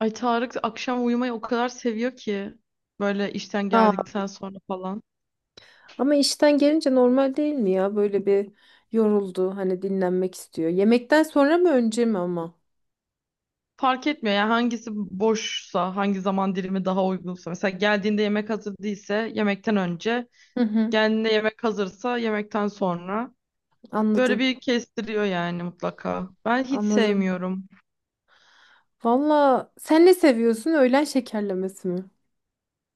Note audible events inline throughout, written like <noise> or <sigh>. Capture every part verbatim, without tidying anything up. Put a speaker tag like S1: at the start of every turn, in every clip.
S1: Ay Tarık akşam uyumayı o kadar seviyor ki böyle işten
S2: Aa,
S1: geldikten sonra falan.
S2: ama işten gelince normal değil mi ya? Böyle bir yoruldu, hani dinlenmek istiyor. Yemekten sonra mı önce mi ama?
S1: Fark etmiyor yani hangisi boşsa, hangi zaman dilimi daha uygunsa. Mesela geldiğinde yemek hazır değilse yemekten önce,
S2: Hı hı,
S1: geldiğinde yemek hazırsa yemekten sonra. Böyle
S2: anladım,
S1: bir kestiriyor yani mutlaka. Ben hiç
S2: anladım.
S1: sevmiyorum.
S2: Valla sen ne seviyorsun? Öğlen şekerlemesi mi?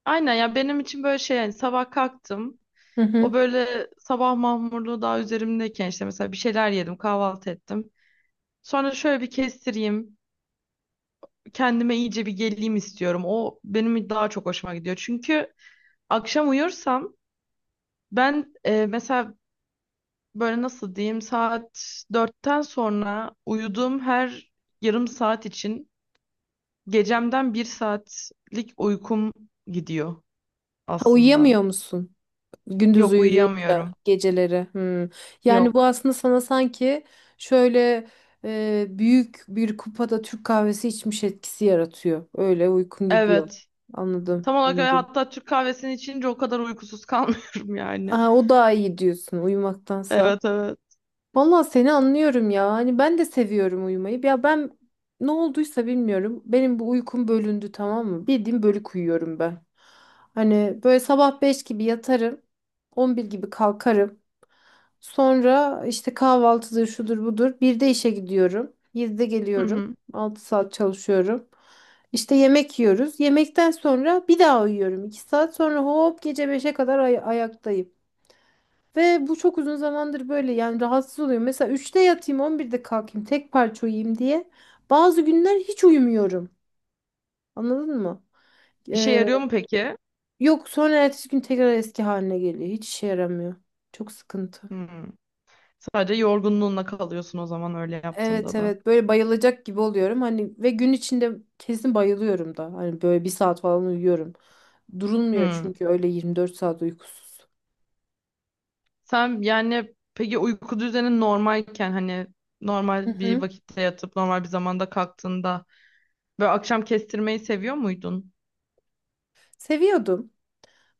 S1: Aynen ya benim için böyle şey yani sabah kalktım.
S2: Hı
S1: O
S2: hı.
S1: böyle sabah mahmurluğu daha üzerimdeyken işte mesela bir şeyler yedim, kahvaltı ettim. Sonra şöyle bir kestireyim, kendime iyice bir geleyim istiyorum. O benim daha çok hoşuma gidiyor. Çünkü akşam uyursam ben e, mesela böyle nasıl diyeyim saat dörtten sonra uyuduğum her yarım saat için gecemden bir saatlik uykum gidiyor
S2: Ha,
S1: aslında.
S2: uyuyamıyor musun? Gündüz
S1: Yok
S2: uyuyunca
S1: uyuyamıyorum.
S2: geceleri. Hı. Yani bu
S1: Yok.
S2: aslında sana sanki şöyle e, büyük bir kupada Türk kahvesi içmiş etkisi yaratıyor. Öyle uykun gidiyor.
S1: Evet.
S2: Anladım,
S1: Tam olarak öyle.
S2: anladım.
S1: Hatta Türk kahvesini içince o kadar uykusuz <laughs> kalmıyorum yani.
S2: Aa, o daha iyi diyorsun uyumaktansa.
S1: Evet evet.
S2: Vallahi seni anlıyorum ya. Hani ben de seviyorum uyumayı. Ya ben ne olduysa bilmiyorum. Benim bu uykum bölündü, tamam mı? Bildiğim bölük uyuyorum ben. Hani böyle sabah beş gibi yatarım, on bir gibi kalkarım. Sonra işte kahvaltıdır şudur budur. Bir de işe gidiyorum. yedide
S1: Hı
S2: geliyorum.
S1: hı.
S2: Altı saat çalışıyorum. İşte yemek yiyoruz. Yemekten sonra bir daha uyuyorum. iki saat sonra hop gece beşe kadar ay- ayaktayım. Ve bu çok uzun zamandır böyle, yani rahatsız oluyorum. Mesela üçte yatayım, on birde kalkayım, tek parça uyuyayım diye. Bazı günler hiç uyumuyorum. Anladın mı?
S1: İşe
S2: Ee,
S1: yarıyor mu peki?
S2: yok sonra ertesi gün tekrar eski haline geliyor. Hiç işe yaramıyor. Çok sıkıntı.
S1: Hı. Sadece yorgunluğunla kalıyorsun o zaman öyle
S2: Evet
S1: yaptığında da.
S2: evet, böyle bayılacak gibi oluyorum. Hani ve gün içinde kesin bayılıyorum da. Hani böyle bir saat falan uyuyorum. Durulmuyor
S1: Hmm.
S2: çünkü, öyle yirmi dört saat uykusuz.
S1: Sen yani peki uyku düzenin normalken hani
S2: Hı
S1: normal bir
S2: hı.
S1: vakitte yatıp normal bir zamanda kalktığında böyle akşam kestirmeyi seviyor muydun?
S2: Seviyordum.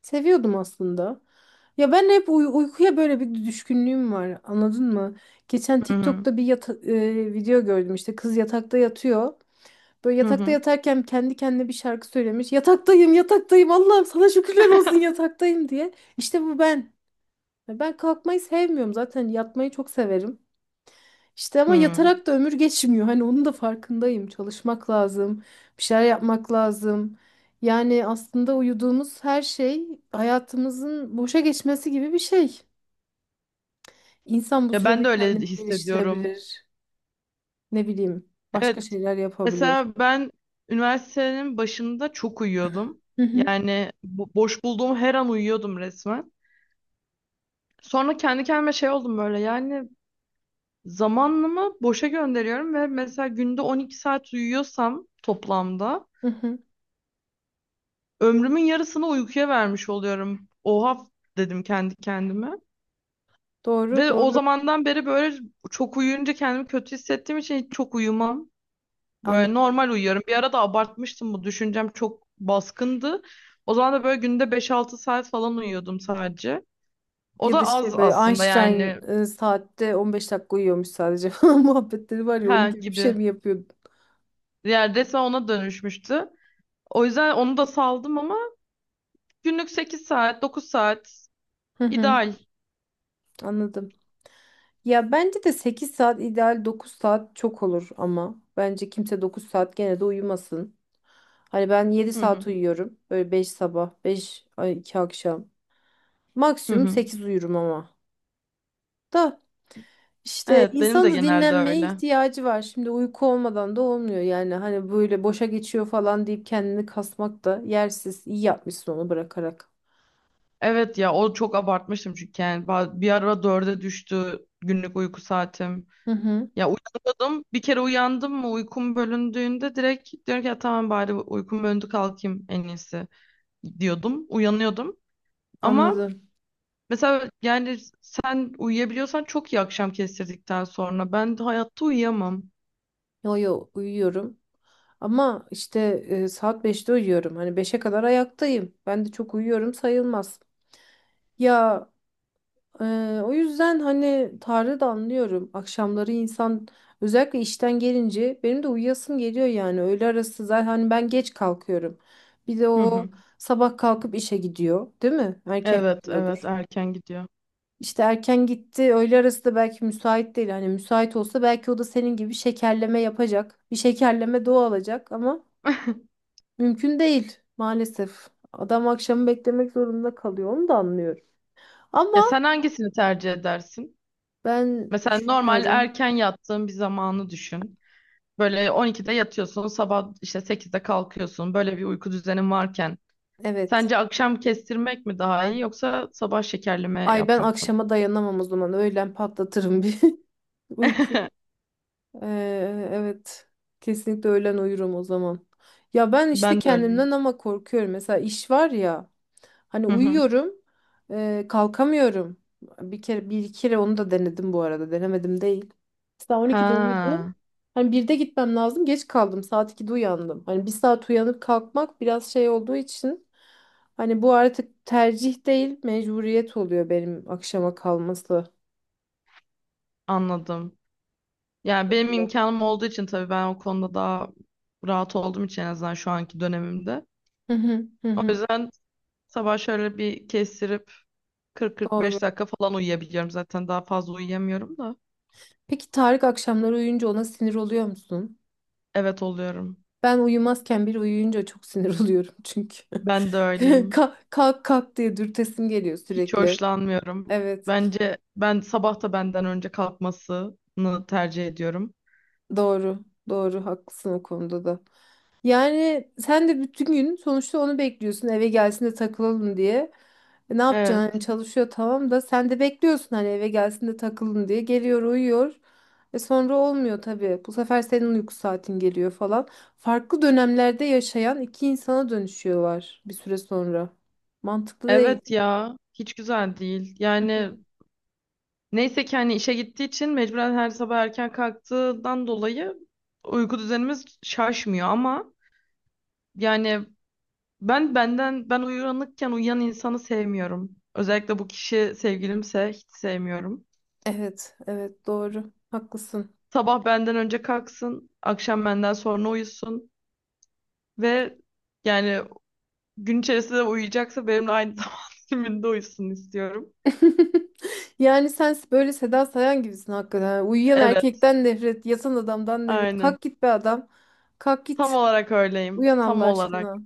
S2: Seviyordum aslında. Ya ben hep uy- uykuya böyle bir düşkünlüğüm var. Anladın mı? Geçen
S1: Hı hı.
S2: TikTok'ta bir yata- e, video gördüm, işte kız yatakta yatıyor. Böyle
S1: Hı
S2: yatakta
S1: hı.
S2: yatarken kendi kendine bir şarkı söylemiş. "Yataktayım, yataktayım. Allah'ım sana şükürler olsun,
S1: <laughs>
S2: yataktayım" diye. İşte bu ben. Ya Ben kalkmayı sevmiyorum zaten. Yatmayı çok severim. İşte ama
S1: Hmm.
S2: yatarak da ömür geçmiyor. Hani onun da farkındayım. Çalışmak lazım, bir şeyler yapmak lazım. Yani aslında uyuduğumuz her şey hayatımızın boşa geçmesi gibi bir şey. İnsan bu
S1: Ya ben
S2: sürede
S1: de öyle
S2: kendini
S1: hissediyorum.
S2: geliştirebilir. Ne bileyim, başka
S1: Evet,
S2: şeyler yapabilir.
S1: mesela ben üniversitenin başında çok uyuyordum.
S2: Hı hı,
S1: Yani bo- boş bulduğum her an uyuyordum resmen. Sonra kendi kendime şey oldum böyle yani zamanımı boşa gönderiyorum ve mesela günde on iki saat uyuyorsam toplamda
S2: hı hı.
S1: ömrümün yarısını uykuya vermiş oluyorum. Oha dedim kendi kendime.
S2: Doğru,
S1: Ve o
S2: doğru.
S1: zamandan beri böyle çok uyuyunca kendimi kötü hissettiğim için hiç çok uyumam. Böyle
S2: Anladım.
S1: normal uyuyorum. Bir ara da abartmıştım, bu düşüncem çok baskındı. O zaman da böyle günde beş altı saat falan uyuyordum sadece. O
S2: Ya
S1: da
S2: da
S1: az
S2: şey, böyle
S1: aslında
S2: Einstein
S1: yani.
S2: e, saatte on beş dakika uyuyormuş sadece <laughs> falan muhabbetleri var ya, onun
S1: Ha
S2: gibi bir şey
S1: gibi.
S2: mi yapıyordu?
S1: Yani resmen ona dönüşmüştü. O yüzden onu da saldım ama günlük sekiz saat, dokuz saat
S2: Hı hı,
S1: ideal.
S2: anladım. Ya bence de sekiz saat ideal, dokuz saat çok olur, ama bence kimse dokuz saat gene de uyumasın. Hani ben yedi
S1: Hı
S2: saat
S1: hı.
S2: uyuyorum. Böyle beş sabah, beş ay iki akşam.
S1: Hı
S2: Maksimum
S1: hı.
S2: sekiz uyurum ama. Da işte
S1: Evet, benim
S2: insanın
S1: de
S2: da
S1: genelde
S2: dinlenmeye
S1: öyle.
S2: ihtiyacı var. Şimdi uyku olmadan da olmuyor. Yani hani böyle boşa geçiyor falan deyip kendini kasmak da yersiz. İyi yapmışsın onu bırakarak.
S1: Evet ya, o çok abartmıştım çünkü yani ba- bir ara dörde düştü günlük uyku saatim.
S2: Hı hı,
S1: Ya uyandım, bir kere uyandım mı, uykum bölündüğünde direkt diyorum ki ya tamam bari uykum bölündü kalkayım en iyisi diyordum. Uyanıyordum ama
S2: anladım.
S1: mesela yani sen uyuyabiliyorsan çok iyi, akşam kestirdikten sonra ben hayatta uyuyamam.
S2: Yo yo, uyuyorum. Ama işte e, saat beşte uyuyorum. Hani beşe kadar ayaktayım. Ben de çok uyuyorum sayılmaz. Ya e, o yüzden hani Tarık'ı da anlıyorum. Akşamları insan, özellikle işten gelince, benim de uyuyasım geliyor yani. Öğle arası zaten hani ben geç kalkıyorum. Bir de
S1: Hı
S2: o
S1: hı.
S2: sabah kalkıp işe gidiyor, değil mi? Erken
S1: Evet evet
S2: gidiyordur.
S1: erken gidiyor.
S2: İşte erken gitti. Öğle arası da belki müsait değil. Hani müsait olsa belki o da senin gibi şekerleme yapacak. Bir şekerleme doğa alacak ama
S1: <laughs>
S2: mümkün değil maalesef. Adam akşamı beklemek zorunda kalıyor. Onu da anlıyorum. Ama
S1: Ya sen hangisini tercih edersin?
S2: ben
S1: Mesela normal
S2: düşünüyorum.
S1: erken yattığın bir zamanı düşün. Böyle on ikide yatıyorsun, sabah işte sekizde kalkıyorsun. Böyle bir uyku düzenin varken.
S2: Evet.
S1: Sence akşam kestirmek mi daha iyi yoksa sabah şekerleme
S2: Ay ben
S1: yapmak mı?
S2: akşama dayanamam o zaman. Öğlen patlatırım bir <laughs> uyku.
S1: <laughs>
S2: Ee, evet. Kesinlikle öğlen uyurum o zaman. Ya ben işte
S1: Ben de öyleyim.
S2: kendimden ama korkuyorum. Mesela iş var ya. Hani
S1: Hı hı.
S2: uyuyorum. e, kalkamıyorum. Bir kere, bir iki kere onu da denedim bu arada. Denemedim değil. Mesela on ikide uyudum.
S1: Ha,
S2: Hani birde gitmem lazım. Geç kaldım. Saat ikide uyandım. Hani bir saat uyanıp kalkmak biraz şey olduğu için, hani bu artık tercih değil, mecburiyet oluyor benim akşama kalması.
S1: anladım. Yani benim imkanım olduğu için tabii ben o konuda daha rahat olduğum için en azından şu anki dönemimde.
S2: Hı hı hı
S1: O
S2: hı.
S1: yüzden sabah şöyle bir kestirip
S2: Doğru.
S1: kırk kırk beş dakika falan uyuyabiliyorum zaten. Daha fazla uyuyamıyorum da.
S2: Peki Tarık akşamları uyuyunca ona sinir oluyor musun?
S1: Evet oluyorum.
S2: Ben uyumazken biri uyuyunca çok sinir <laughs> oluyorum çünkü.
S1: Ben de
S2: <laughs>
S1: öyleyim.
S2: Kalk kalk kalk diye dürtesim geliyor
S1: Hiç
S2: sürekli.
S1: hoşlanmıyorum.
S2: Evet,
S1: Bence ben sabah da benden önce kalkmasını tercih ediyorum.
S2: doğru. Doğru, haklısın o konuda da. Yani sen de bütün gün sonuçta onu bekliyorsun, eve gelsin de takılalım diye. E ne
S1: Evet.
S2: yapacaksın, hani çalışıyor tamam, da sen de bekliyorsun hani eve gelsin de takılın diye. Geliyor, uyuyor. E sonra olmuyor tabii. Bu sefer senin uyku saatin geliyor falan. Farklı dönemlerde yaşayan iki insana dönüşüyorlar bir süre sonra. Mantıklı değil.
S1: Evet ya. Hiç güzel değil.
S2: Hı
S1: Yani
S2: hı.
S1: neyse ki hani işe gittiği için mecburen her sabah erken kalktığından dolayı uyku düzenimiz şaşmıyor ama yani ben benden ben uyanıkken uyuyan insanı sevmiyorum. Özellikle bu kişi sevgilimse hiç sevmiyorum.
S2: Evet, evet, doğru. Haklısın.
S1: Sabah benden önce kalksın, akşam benden sonra uyusun ve yani gün içerisinde uyuyacaksa benimle aynı <laughs> zaman diliminde uyusun istiyorum.
S2: <laughs> Yani sen böyle Seda Sayan gibisin hakikaten. Yani uyuyan
S1: Evet,
S2: erkekten nefret, yatan adamdan nefret.
S1: aynen.
S2: Kalk git be adam. Kalk
S1: Tam
S2: git.
S1: olarak öyleyim.
S2: Uyan Allah
S1: Tam olarak.
S2: aşkına.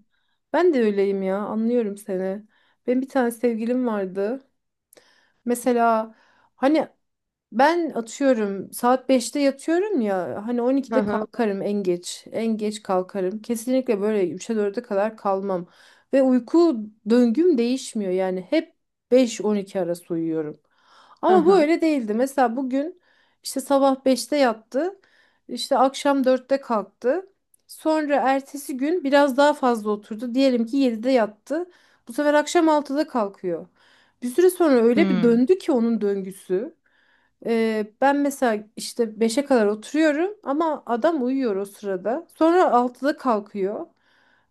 S2: Ben de öyleyim ya. Anlıyorum seni. Benim bir tane sevgilim vardı. Mesela hani ben atıyorum saat beşte yatıyorum ya, hani
S1: Hı
S2: on ikide
S1: hı.
S2: kalkarım en geç. En geç kalkarım. Kesinlikle böyle üçe dörde kadar kalmam. Ve uyku döngüm değişmiyor. Yani hep beş on iki arası uyuyorum.
S1: Hı
S2: Ama bu
S1: hı.
S2: öyle değildi. Mesela bugün işte sabah beşte yattı. İşte akşam dörtte kalktı. Sonra ertesi gün biraz daha fazla oturdu. Diyelim ki yedide yattı. Bu sefer akşam altıda kalkıyor. Bir süre sonra öyle bir
S1: Hmm.
S2: döndü ki onun döngüsü. Ee, ben mesela işte beşe kadar oturuyorum ama adam uyuyor o sırada. Sonra altıda kalkıyor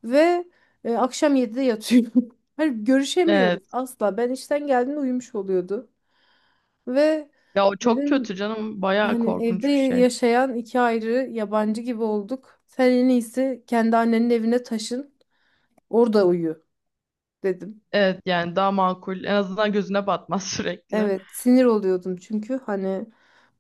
S2: ve e, akşam yedide yatıyor. <laughs> Hani
S1: Evet.
S2: görüşemiyoruz asla. Ben işten geldiğimde uyumuş oluyordu. Ve
S1: Ya o çok kötü
S2: dedim
S1: canım. Bayağı
S2: hani evde
S1: korkunç bir şey.
S2: yaşayan iki ayrı yabancı gibi olduk. Sen en iyisi kendi annenin evine taşın, orada uyu dedim.
S1: Evet yani daha makul. En azından gözüne batmaz <laughs> sürekli.
S2: Evet, sinir oluyordum çünkü, hani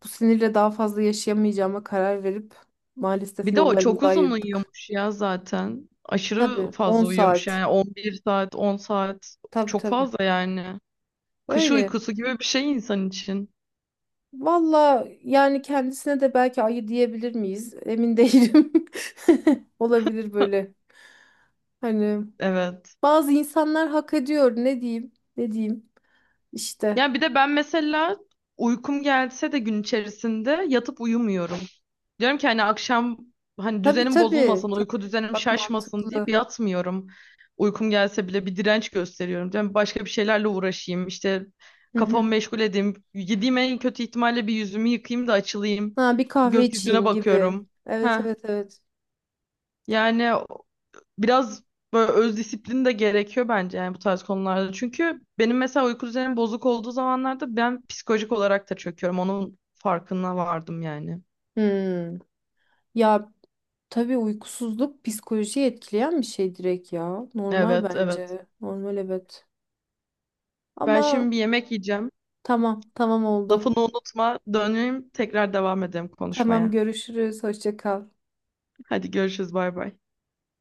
S2: bu sinirle daha fazla yaşayamayacağıma karar verip maalesef
S1: Bir de o çok
S2: yollarımızı
S1: uzun
S2: ayırdık.
S1: uyuyormuş ya zaten.
S2: Tabii
S1: Aşırı
S2: on
S1: fazla uyuyormuş
S2: saat.
S1: yani on bir saat, on saat.
S2: Tabii
S1: Çok
S2: tabii.
S1: fazla yani. Kış
S2: Öyle.
S1: uykusu gibi bir şey insan için.
S2: Valla yani kendisine de belki ayı diyebilir miyiz? Emin değilim. <laughs> Olabilir böyle. Hani
S1: Evet.
S2: bazı insanlar hak ediyor. Ne diyeyim? Ne diyeyim? İşte.
S1: Ya bir de ben mesela uykum gelse de gün içerisinde yatıp uyumuyorum. Diyorum ki hani akşam hani
S2: Tabii
S1: düzenim
S2: tabii.
S1: bozulmasın, uyku
S2: Tabii.
S1: düzenim
S2: Bak
S1: şaşmasın deyip
S2: mantıklı.
S1: yatmıyorum. Uykum gelse bile bir direnç gösteriyorum. Diyorum başka bir şeylerle uğraşayım. İşte kafamı
S2: <laughs>
S1: meşgul edeyim. Yediğim en kötü ihtimalle bir yüzümü yıkayayım da açılayım.
S2: Ha, bir kahve
S1: Gökyüzüne
S2: içeyim gibi.
S1: bakıyorum.
S2: Evet
S1: Heh.
S2: evet evet.
S1: Yani biraz böyle öz disiplin de gerekiyor bence yani bu tarz konularda. Çünkü benim mesela uyku düzenim bozuk olduğu zamanlarda ben psikolojik olarak da çöküyorum. Onun farkına vardım yani.
S2: Hmm. Ya tabii uykusuzluk psikolojiyi etkileyen bir şey direkt ya. Normal
S1: Evet, evet.
S2: bence. Normal, evet.
S1: Ben
S2: Ama
S1: şimdi bir yemek yiyeceğim.
S2: tamam tamam, oldu.
S1: Lafını unutma. Döneyim tekrar devam edelim
S2: Tamam,
S1: konuşmaya.
S2: görüşürüz. Hoşça kal.
S1: Hadi görüşürüz. Bay bay.